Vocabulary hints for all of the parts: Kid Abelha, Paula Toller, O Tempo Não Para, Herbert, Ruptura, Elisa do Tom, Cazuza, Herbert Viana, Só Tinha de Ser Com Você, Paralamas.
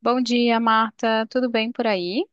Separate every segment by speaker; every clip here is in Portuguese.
Speaker 1: Bom dia, Marta. Tudo bem por aí?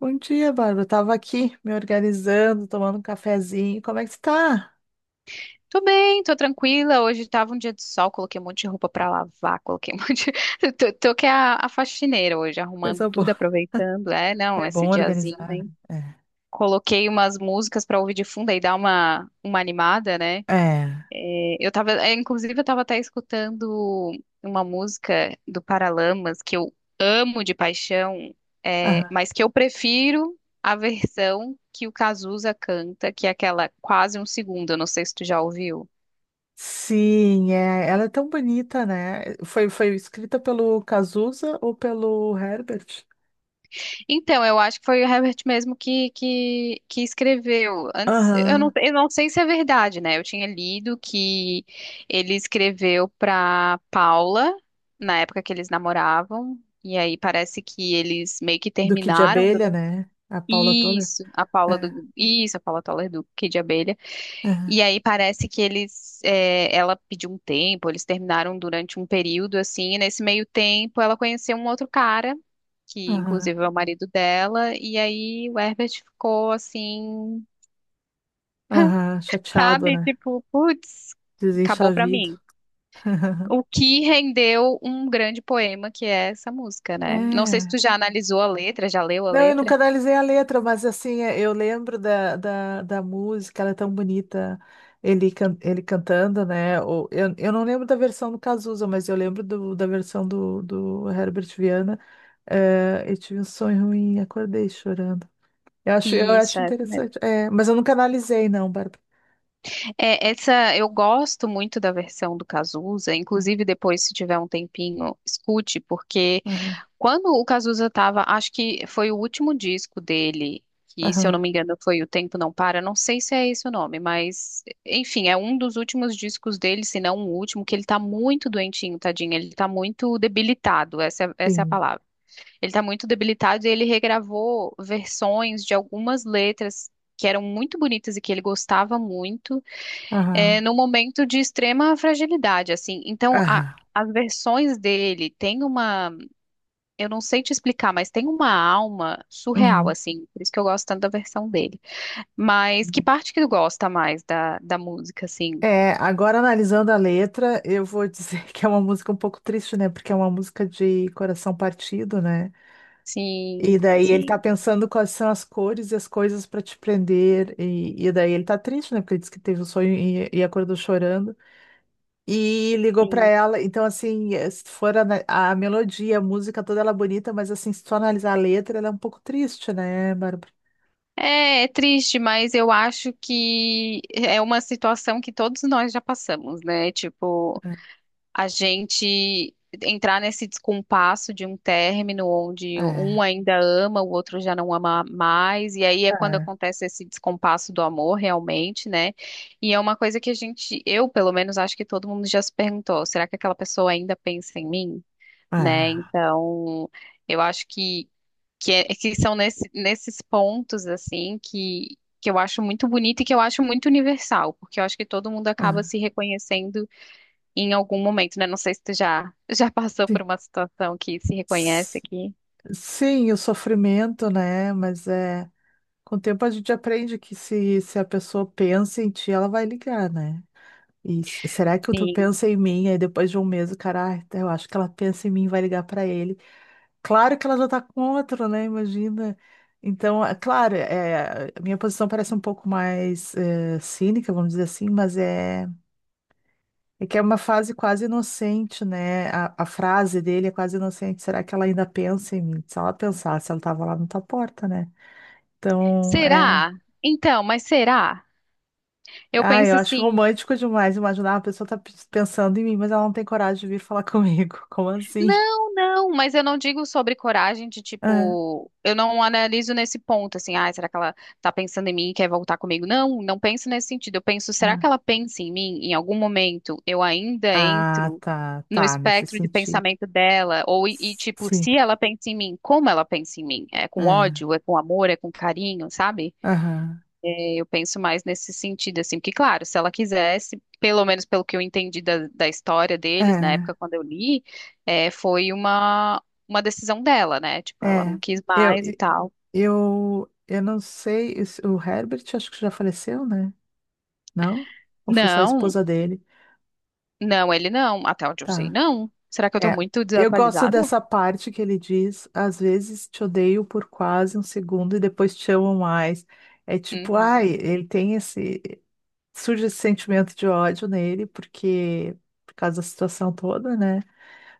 Speaker 2: Bom dia, Bárbara. Tava aqui me organizando, tomando um cafezinho. Como é que tu tá?
Speaker 1: Tô bem, tô tranquila. Hoje tava um dia de sol, coloquei um monte de roupa pra lavar, coloquei um monte de... Tô que é a faxineira hoje, arrumando
Speaker 2: Coisa
Speaker 1: tudo,
Speaker 2: boa.
Speaker 1: aproveitando. É, não,
Speaker 2: É bom
Speaker 1: esse diazinho,
Speaker 2: organizar, né?
Speaker 1: hein? Coloquei umas músicas pra ouvir de fundo e dar uma animada, né?
Speaker 2: É. É.
Speaker 1: Eu tava, inclusive, eu tava até escutando uma música do Paralamas que eu amo de paixão,
Speaker 2: Aham.
Speaker 1: mas que eu prefiro a versão que o Cazuza canta, que é aquela quase um segundo. Eu não sei se tu já ouviu.
Speaker 2: Sim, é. Ela é tão bonita, né? Foi escrita pelo Cazuza ou pelo Herbert?
Speaker 1: Então, eu acho que foi o Herbert mesmo que escreveu. Antes,
Speaker 2: Aham.
Speaker 1: eu não sei se é verdade, né? Eu tinha lido que ele escreveu para Paula na época que eles namoravam, e aí parece que eles meio que
Speaker 2: Duque de
Speaker 1: terminaram.
Speaker 2: Abelha, né? A Paula Toller.
Speaker 1: Isso,
Speaker 2: É.
Speaker 1: isso, a Paula Toller do Kid Abelha.
Speaker 2: Aham.
Speaker 1: E aí parece que eles, ela pediu um tempo, eles terminaram durante um período assim, e nesse meio tempo ela conheceu um outro cara, que
Speaker 2: Aham.
Speaker 1: inclusive é o marido dela, e aí o Herbert ficou assim,
Speaker 2: Aham. Chateado,
Speaker 1: sabe,
Speaker 2: né?
Speaker 1: tipo, putz, acabou pra
Speaker 2: Desenchavido.
Speaker 1: mim. O que rendeu um grande poema que é essa música, né? Não sei se tu
Speaker 2: É.
Speaker 1: já analisou a letra, já leu a
Speaker 2: Não, eu nunca
Speaker 1: letra?
Speaker 2: analisei a letra, mas assim, é, eu lembro da música, ela é tão bonita, ele cantando, né? Ou, eu não lembro da versão do Cazuza, mas eu lembro da versão do Herbert Viana. É, eu tive um sonho ruim, acordei chorando. Eu acho, eu
Speaker 1: Isso,
Speaker 2: acho
Speaker 1: é isso mesmo.
Speaker 2: interessante. É, mas eu nunca analisei, não, Bárbara.
Speaker 1: É, essa eu gosto muito da versão do Cazuza, inclusive depois, se tiver um tempinho, escute, porque
Speaker 2: Aham,
Speaker 1: quando o Cazuza estava, acho que foi o último disco dele, que se eu não
Speaker 2: aham,
Speaker 1: me engano foi O Tempo Não Para, não sei se é esse o nome, mas enfim, é um dos últimos discos dele, se não o último, que ele tá muito doentinho, tadinho, ele tá muito debilitado, essa é a
Speaker 2: sim.
Speaker 1: palavra. Ele tá muito debilitado e ele regravou versões de algumas letras que eram muito bonitas e que ele gostava muito,
Speaker 2: Aham,
Speaker 1: num momento de extrema fragilidade, assim.
Speaker 2: aham.
Speaker 1: As versões dele têm uma, eu não sei te explicar, mas tem uma alma surreal,
Speaker 2: Uhum.
Speaker 1: assim. Por isso que eu gosto tanto da versão dele. Mas que parte que tu gosta mais da música, assim?
Speaker 2: É, agora analisando a letra, eu vou dizer que é uma música um pouco triste, né? Porque é uma música de coração partido, né? E
Speaker 1: Sim,
Speaker 2: daí ele tá
Speaker 1: sim,
Speaker 2: pensando quais são as cores e as coisas para te prender. E daí ele tá triste, né? Porque ele disse que teve um sonho e acordou chorando. E ligou para
Speaker 1: sim.
Speaker 2: ela. Então, assim, se for melodia, a música toda ela é bonita, mas assim, se tu analisar a letra, ela é um pouco triste, né, Bárbara?
Speaker 1: É, é triste, mas eu acho que é uma situação que todos nós já passamos, né? Tipo,
Speaker 2: É,
Speaker 1: a gente entrar nesse descompasso de um término onde
Speaker 2: é,
Speaker 1: um ainda ama, o outro já não ama mais, e aí é quando
Speaker 2: é,
Speaker 1: acontece esse descompasso do amor realmente, né? E é uma coisa que a gente, eu pelo menos acho que todo mundo já se perguntou, será que aquela pessoa ainda pensa em mim? Né? Então, eu acho que são nesses pontos assim que eu acho muito bonito e que eu acho muito universal, porque eu acho que todo mundo acaba
Speaker 2: é.
Speaker 1: se reconhecendo em algum momento, né? Não sei se tu já, já passou por uma situação que se reconhece
Speaker 2: É.
Speaker 1: aqui.
Speaker 2: Sim, o sofrimento, né? Mas é, com o tempo a gente aprende que se a pessoa pensa em ti, ela vai ligar, né? E será que tu
Speaker 1: Sim.
Speaker 2: pensa em mim? Aí depois de um mês, o cara, eu acho que ela pensa em mim, vai ligar pra ele. Claro que ela já tá com outro, né? Imagina. Então, é claro, é, a minha posição parece um pouco mais cínica, vamos dizer assim, mas é. É que é uma fase quase inocente, né? A frase dele é quase inocente. Será que ela ainda pensa em mim? Se ela pensasse, ela estava lá na tua porta, né? Então, é.
Speaker 1: Será? Então, mas será? Eu
Speaker 2: Ah, eu
Speaker 1: penso
Speaker 2: acho
Speaker 1: assim.
Speaker 2: romântico demais imaginar a pessoa tá pensando em mim, mas ela não tem coragem de vir falar comigo. Como assim?
Speaker 1: Não, não, mas eu não digo sobre coragem de
Speaker 2: Ah,
Speaker 1: tipo, eu não analiso nesse ponto assim, ah, será que ela tá pensando em mim e quer voltar comigo? Não, não penso nesse sentido. Eu penso, será que
Speaker 2: ah.
Speaker 1: ela pensa em mim? Em algum momento eu ainda
Speaker 2: Ah,
Speaker 1: entro
Speaker 2: tá,
Speaker 1: no
Speaker 2: tá, nesse
Speaker 1: espectro de
Speaker 2: sentido.
Speaker 1: pensamento dela ou
Speaker 2: S-
Speaker 1: tipo,
Speaker 2: Sim,
Speaker 1: se ela pensa em mim, como ela pensa em mim? É com
Speaker 2: é.
Speaker 1: ódio, é com amor, é com carinho, sabe?
Speaker 2: Aham.
Speaker 1: Eu penso mais nesse sentido, assim, porque, claro, se ela quisesse, pelo menos pelo que eu entendi da história deles, na
Speaker 2: É,
Speaker 1: época quando eu li, foi uma decisão dela, né? Tipo, ela não
Speaker 2: é.
Speaker 1: quis
Speaker 2: Eu,
Speaker 1: mais e tal.
Speaker 2: eu não sei, o Herbert acho que já faleceu, né? Não? Ou foi só a
Speaker 1: Não,
Speaker 2: esposa dele?
Speaker 1: não, ele não, até onde eu sei,
Speaker 2: Tá.
Speaker 1: não. Será que eu tô
Speaker 2: É.
Speaker 1: muito
Speaker 2: Eu gosto
Speaker 1: desatualizada?
Speaker 2: dessa parte que ele diz: às vezes te odeio por quase um segundo e depois te amo mais. É tipo,
Speaker 1: Uhum.
Speaker 2: ai, ele tem esse. Surge esse sentimento de ódio nele, porque. Por causa da situação toda, né?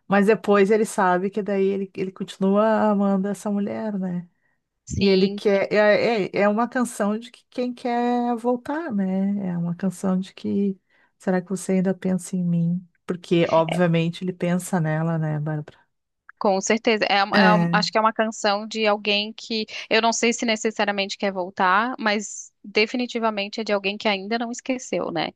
Speaker 2: Mas depois ele sabe que daí ele continua amando essa mulher, né? E ele
Speaker 1: Sim.
Speaker 2: quer. É uma canção de que quem quer voltar, né? É uma canção de que. Será que você ainda pensa em mim? Porque, obviamente, ele pensa nela, né, Bárbara?
Speaker 1: Com certeza.
Speaker 2: É,
Speaker 1: Acho que é uma canção de alguém que eu não sei se necessariamente quer voltar, mas definitivamente é de alguém que ainda não esqueceu, né?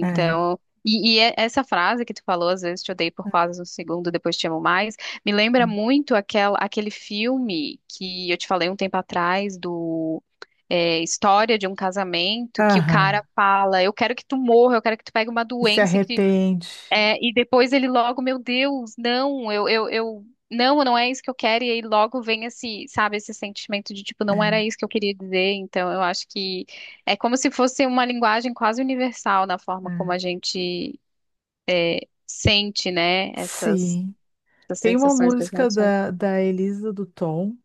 Speaker 2: é.
Speaker 1: e é- essa frase que tu falou, às vezes te odeio por quase um segundo, depois te amo mais, me lembra muito aquela, aquele filme que eu te falei um tempo atrás do. É, história de um casamento que o
Speaker 2: Aham.
Speaker 1: cara fala, eu quero que tu morra, eu quero que tu pegue uma
Speaker 2: E se
Speaker 1: doença e que
Speaker 2: arrepende.
Speaker 1: é, e depois ele logo, meu Deus, não, eu, não, não é isso que eu quero. E aí logo vem esse, sabe, esse sentimento de tipo, não era
Speaker 2: É,
Speaker 1: isso que eu queria dizer. Então eu acho que é como se fosse uma linguagem quase universal na forma como
Speaker 2: é.
Speaker 1: a gente é, sente, né, essas,
Speaker 2: Sim.
Speaker 1: essas
Speaker 2: Tem uma
Speaker 1: sensações das
Speaker 2: música
Speaker 1: emoções.
Speaker 2: da Elisa do Tom.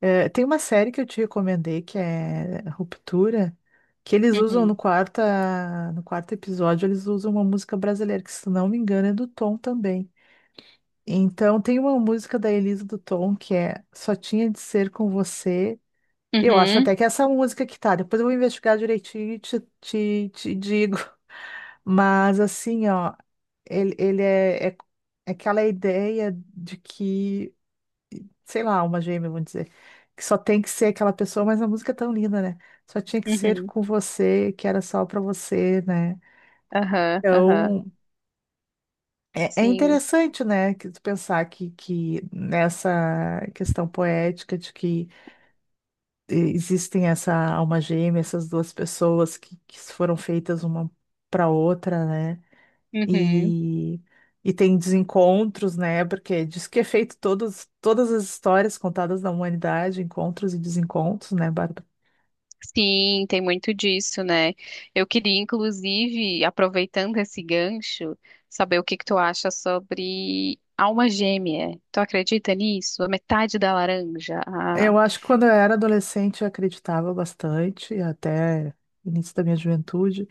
Speaker 2: É, tem uma série que eu te recomendei que é Ruptura, que eles usam
Speaker 1: Uhum,
Speaker 2: no quarto episódio, eles usam uma música brasileira, que se não me engano é do Tom também. Então tem uma música da Elisa do Tom que é Só Tinha de Ser Com Você. Eu acho
Speaker 1: uhum,
Speaker 2: até que é essa música que tá, depois eu vou investigar direitinho e te digo. Mas assim, ó, ele é, é aquela ideia de que sei lá, alma gêmea, vamos dizer, que só tem que ser aquela pessoa, mas a música é tão linda, né? Só tinha que ser
Speaker 1: uhum,
Speaker 2: com você, que era só pra você, né?
Speaker 1: aham, aham,
Speaker 2: Então, é
Speaker 1: sim,
Speaker 2: interessante, né, que tu pensar que nessa questão poética de que existem essa alma gêmea, essas duas pessoas que foram feitas uma para outra, né?
Speaker 1: uhum.
Speaker 2: E, e tem desencontros, né? Porque diz que é feito todas as histórias contadas da humanidade, encontros e desencontros, né, Bárbara?
Speaker 1: Sim, tem muito disso, né? Eu queria, inclusive, aproveitando esse gancho, saber o que que tu acha sobre alma gêmea. Tu acredita nisso? A metade da laranja. A-
Speaker 2: Eu acho que quando eu era adolescente eu acreditava bastante, até o início da minha juventude,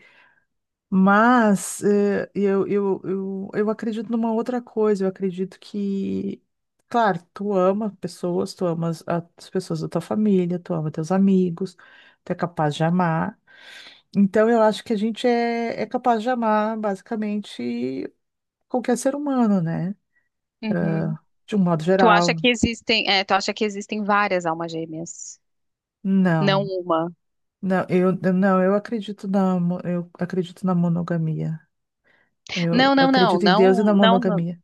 Speaker 2: mas eu acredito numa outra coisa, eu acredito que, claro, tu ama pessoas, tu amas as pessoas da tua família, tu ama teus amigos, tu é capaz de amar. Então, eu acho que a gente é capaz de amar basicamente qualquer ser humano, né?
Speaker 1: uhum.
Speaker 2: De um modo
Speaker 1: Tu acha
Speaker 2: geral.
Speaker 1: que existem, tu acha que existem várias almas gêmeas? Não
Speaker 2: Não,
Speaker 1: uma.
Speaker 2: não, não, eu acredito na monogamia. Eu
Speaker 1: Não, não, não,
Speaker 2: acredito em Deus e
Speaker 1: não,
Speaker 2: na
Speaker 1: não, não,
Speaker 2: monogamia.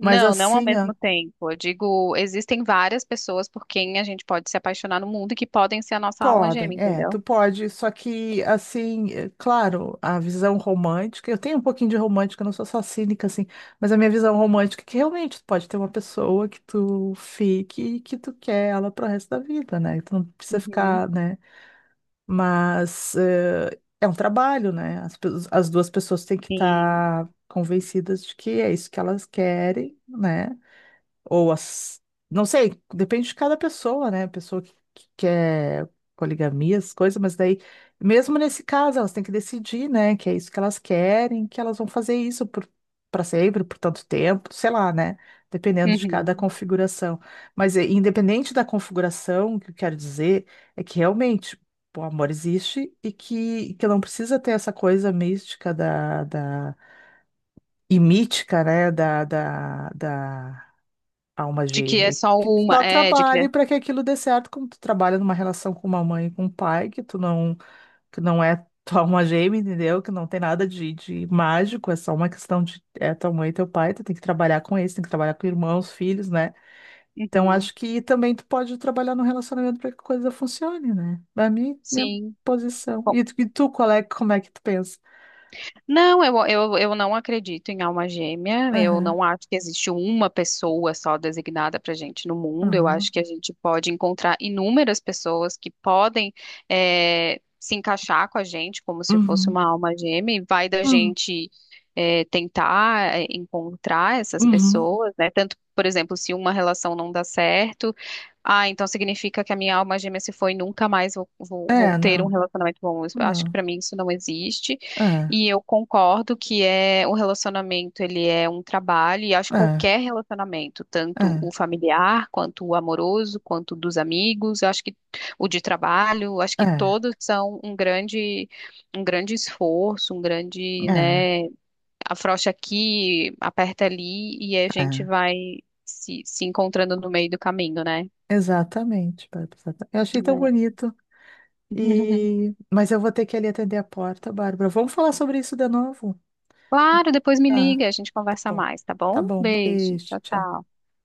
Speaker 2: Mas
Speaker 1: não ao
Speaker 2: assim, ó.
Speaker 1: mesmo tempo. Eu digo, existem várias pessoas por quem a gente pode se apaixonar no mundo e que podem ser a nossa alma
Speaker 2: Podem,
Speaker 1: gêmea,
Speaker 2: é, tu
Speaker 1: entendeu?
Speaker 2: pode, só que assim, é, claro, a visão romântica, eu tenho um pouquinho de romântica, eu não sou só cínica assim, mas a minha visão romântica é que realmente tu pode ter uma pessoa que tu fique e que tu quer ela pro resto da vida, né? Tu não precisa
Speaker 1: Uhum.
Speaker 2: ficar, né? Mas é, um trabalho, né? As duas pessoas têm que
Speaker 1: Sim.
Speaker 2: estar convencidas de que é isso que elas querem, né? Ou as. Não sei, depende de cada pessoa, né? Pessoa que quer poligamia, as coisas, mas daí, mesmo nesse caso, elas têm que decidir, né? Que é isso que elas querem, que elas vão fazer isso por, para sempre, por tanto tempo, sei lá, né? Dependendo de cada
Speaker 1: Uhum.
Speaker 2: configuração. Mas independente da configuração, o que eu quero dizer é que realmente o amor existe e que não precisa ter essa coisa mística e mítica, né? Da alma
Speaker 1: De que é
Speaker 2: gêmea,
Speaker 1: só
Speaker 2: que tu
Speaker 1: uma,
Speaker 2: só
Speaker 1: é, de que é.
Speaker 2: trabalhe para que aquilo dê certo, como tu trabalha numa relação com uma mãe e com um pai, que tu não, que não é tua alma gêmea, entendeu? Que não tem nada de mágico, é só uma questão de é tua mãe e teu pai, tu tem que trabalhar com eles, tem que trabalhar com irmãos, filhos, né? Então
Speaker 1: Uhum,
Speaker 2: acho que também tu pode trabalhar no relacionamento para que a coisa funcione, né? Pra mim, minha
Speaker 1: sim.
Speaker 2: posição.
Speaker 1: Bom,
Speaker 2: E tu, qual é, como é que tu pensa?
Speaker 1: não, eu não acredito em alma gêmea. Eu
Speaker 2: Aham,
Speaker 1: não acho que existe uma pessoa só designada para gente no mundo. Eu acho
Speaker 2: aham,
Speaker 1: que a gente pode encontrar inúmeras pessoas que podem se encaixar com a gente como se fosse
Speaker 2: uhum,
Speaker 1: uma alma gêmea, e vai da
Speaker 2: uhum,
Speaker 1: gente tentar encontrar essas
Speaker 2: uhum.
Speaker 1: pessoas, né? Tanto, por exemplo, se uma relação não dá certo. Ah, então significa que a minha alma gêmea se foi, e nunca mais
Speaker 2: É,
Speaker 1: vou ter um
Speaker 2: não,
Speaker 1: relacionamento bom. Eu acho que
Speaker 2: não,
Speaker 1: pra mim isso não existe.
Speaker 2: é,
Speaker 1: E eu concordo que é o relacionamento, ele é um trabalho, e acho que
Speaker 2: é,
Speaker 1: qualquer relacionamento, tanto
Speaker 2: é.
Speaker 1: o familiar, quanto o amoroso, quanto o dos amigos, eu acho que o de trabalho, eu acho que
Speaker 2: É,
Speaker 1: todos são um grande esforço, um grande,
Speaker 2: é,
Speaker 1: né, afrouxa aqui, aperta ali, e a gente
Speaker 2: é.
Speaker 1: vai se encontrando no meio do caminho, né?
Speaker 2: Exatamente, Bárbara. Eu achei tão bonito. E... Mas eu vou ter que ali atender a porta, Bárbara. Vamos falar sobre isso de novo?
Speaker 1: Claro, depois me
Speaker 2: Tá,
Speaker 1: liga, a gente
Speaker 2: tá
Speaker 1: conversa
Speaker 2: bom.
Speaker 1: mais, tá
Speaker 2: Tá
Speaker 1: bom?
Speaker 2: bom,
Speaker 1: Beijo,
Speaker 2: beijo,
Speaker 1: tchau,
Speaker 2: tchau.
Speaker 1: tchau.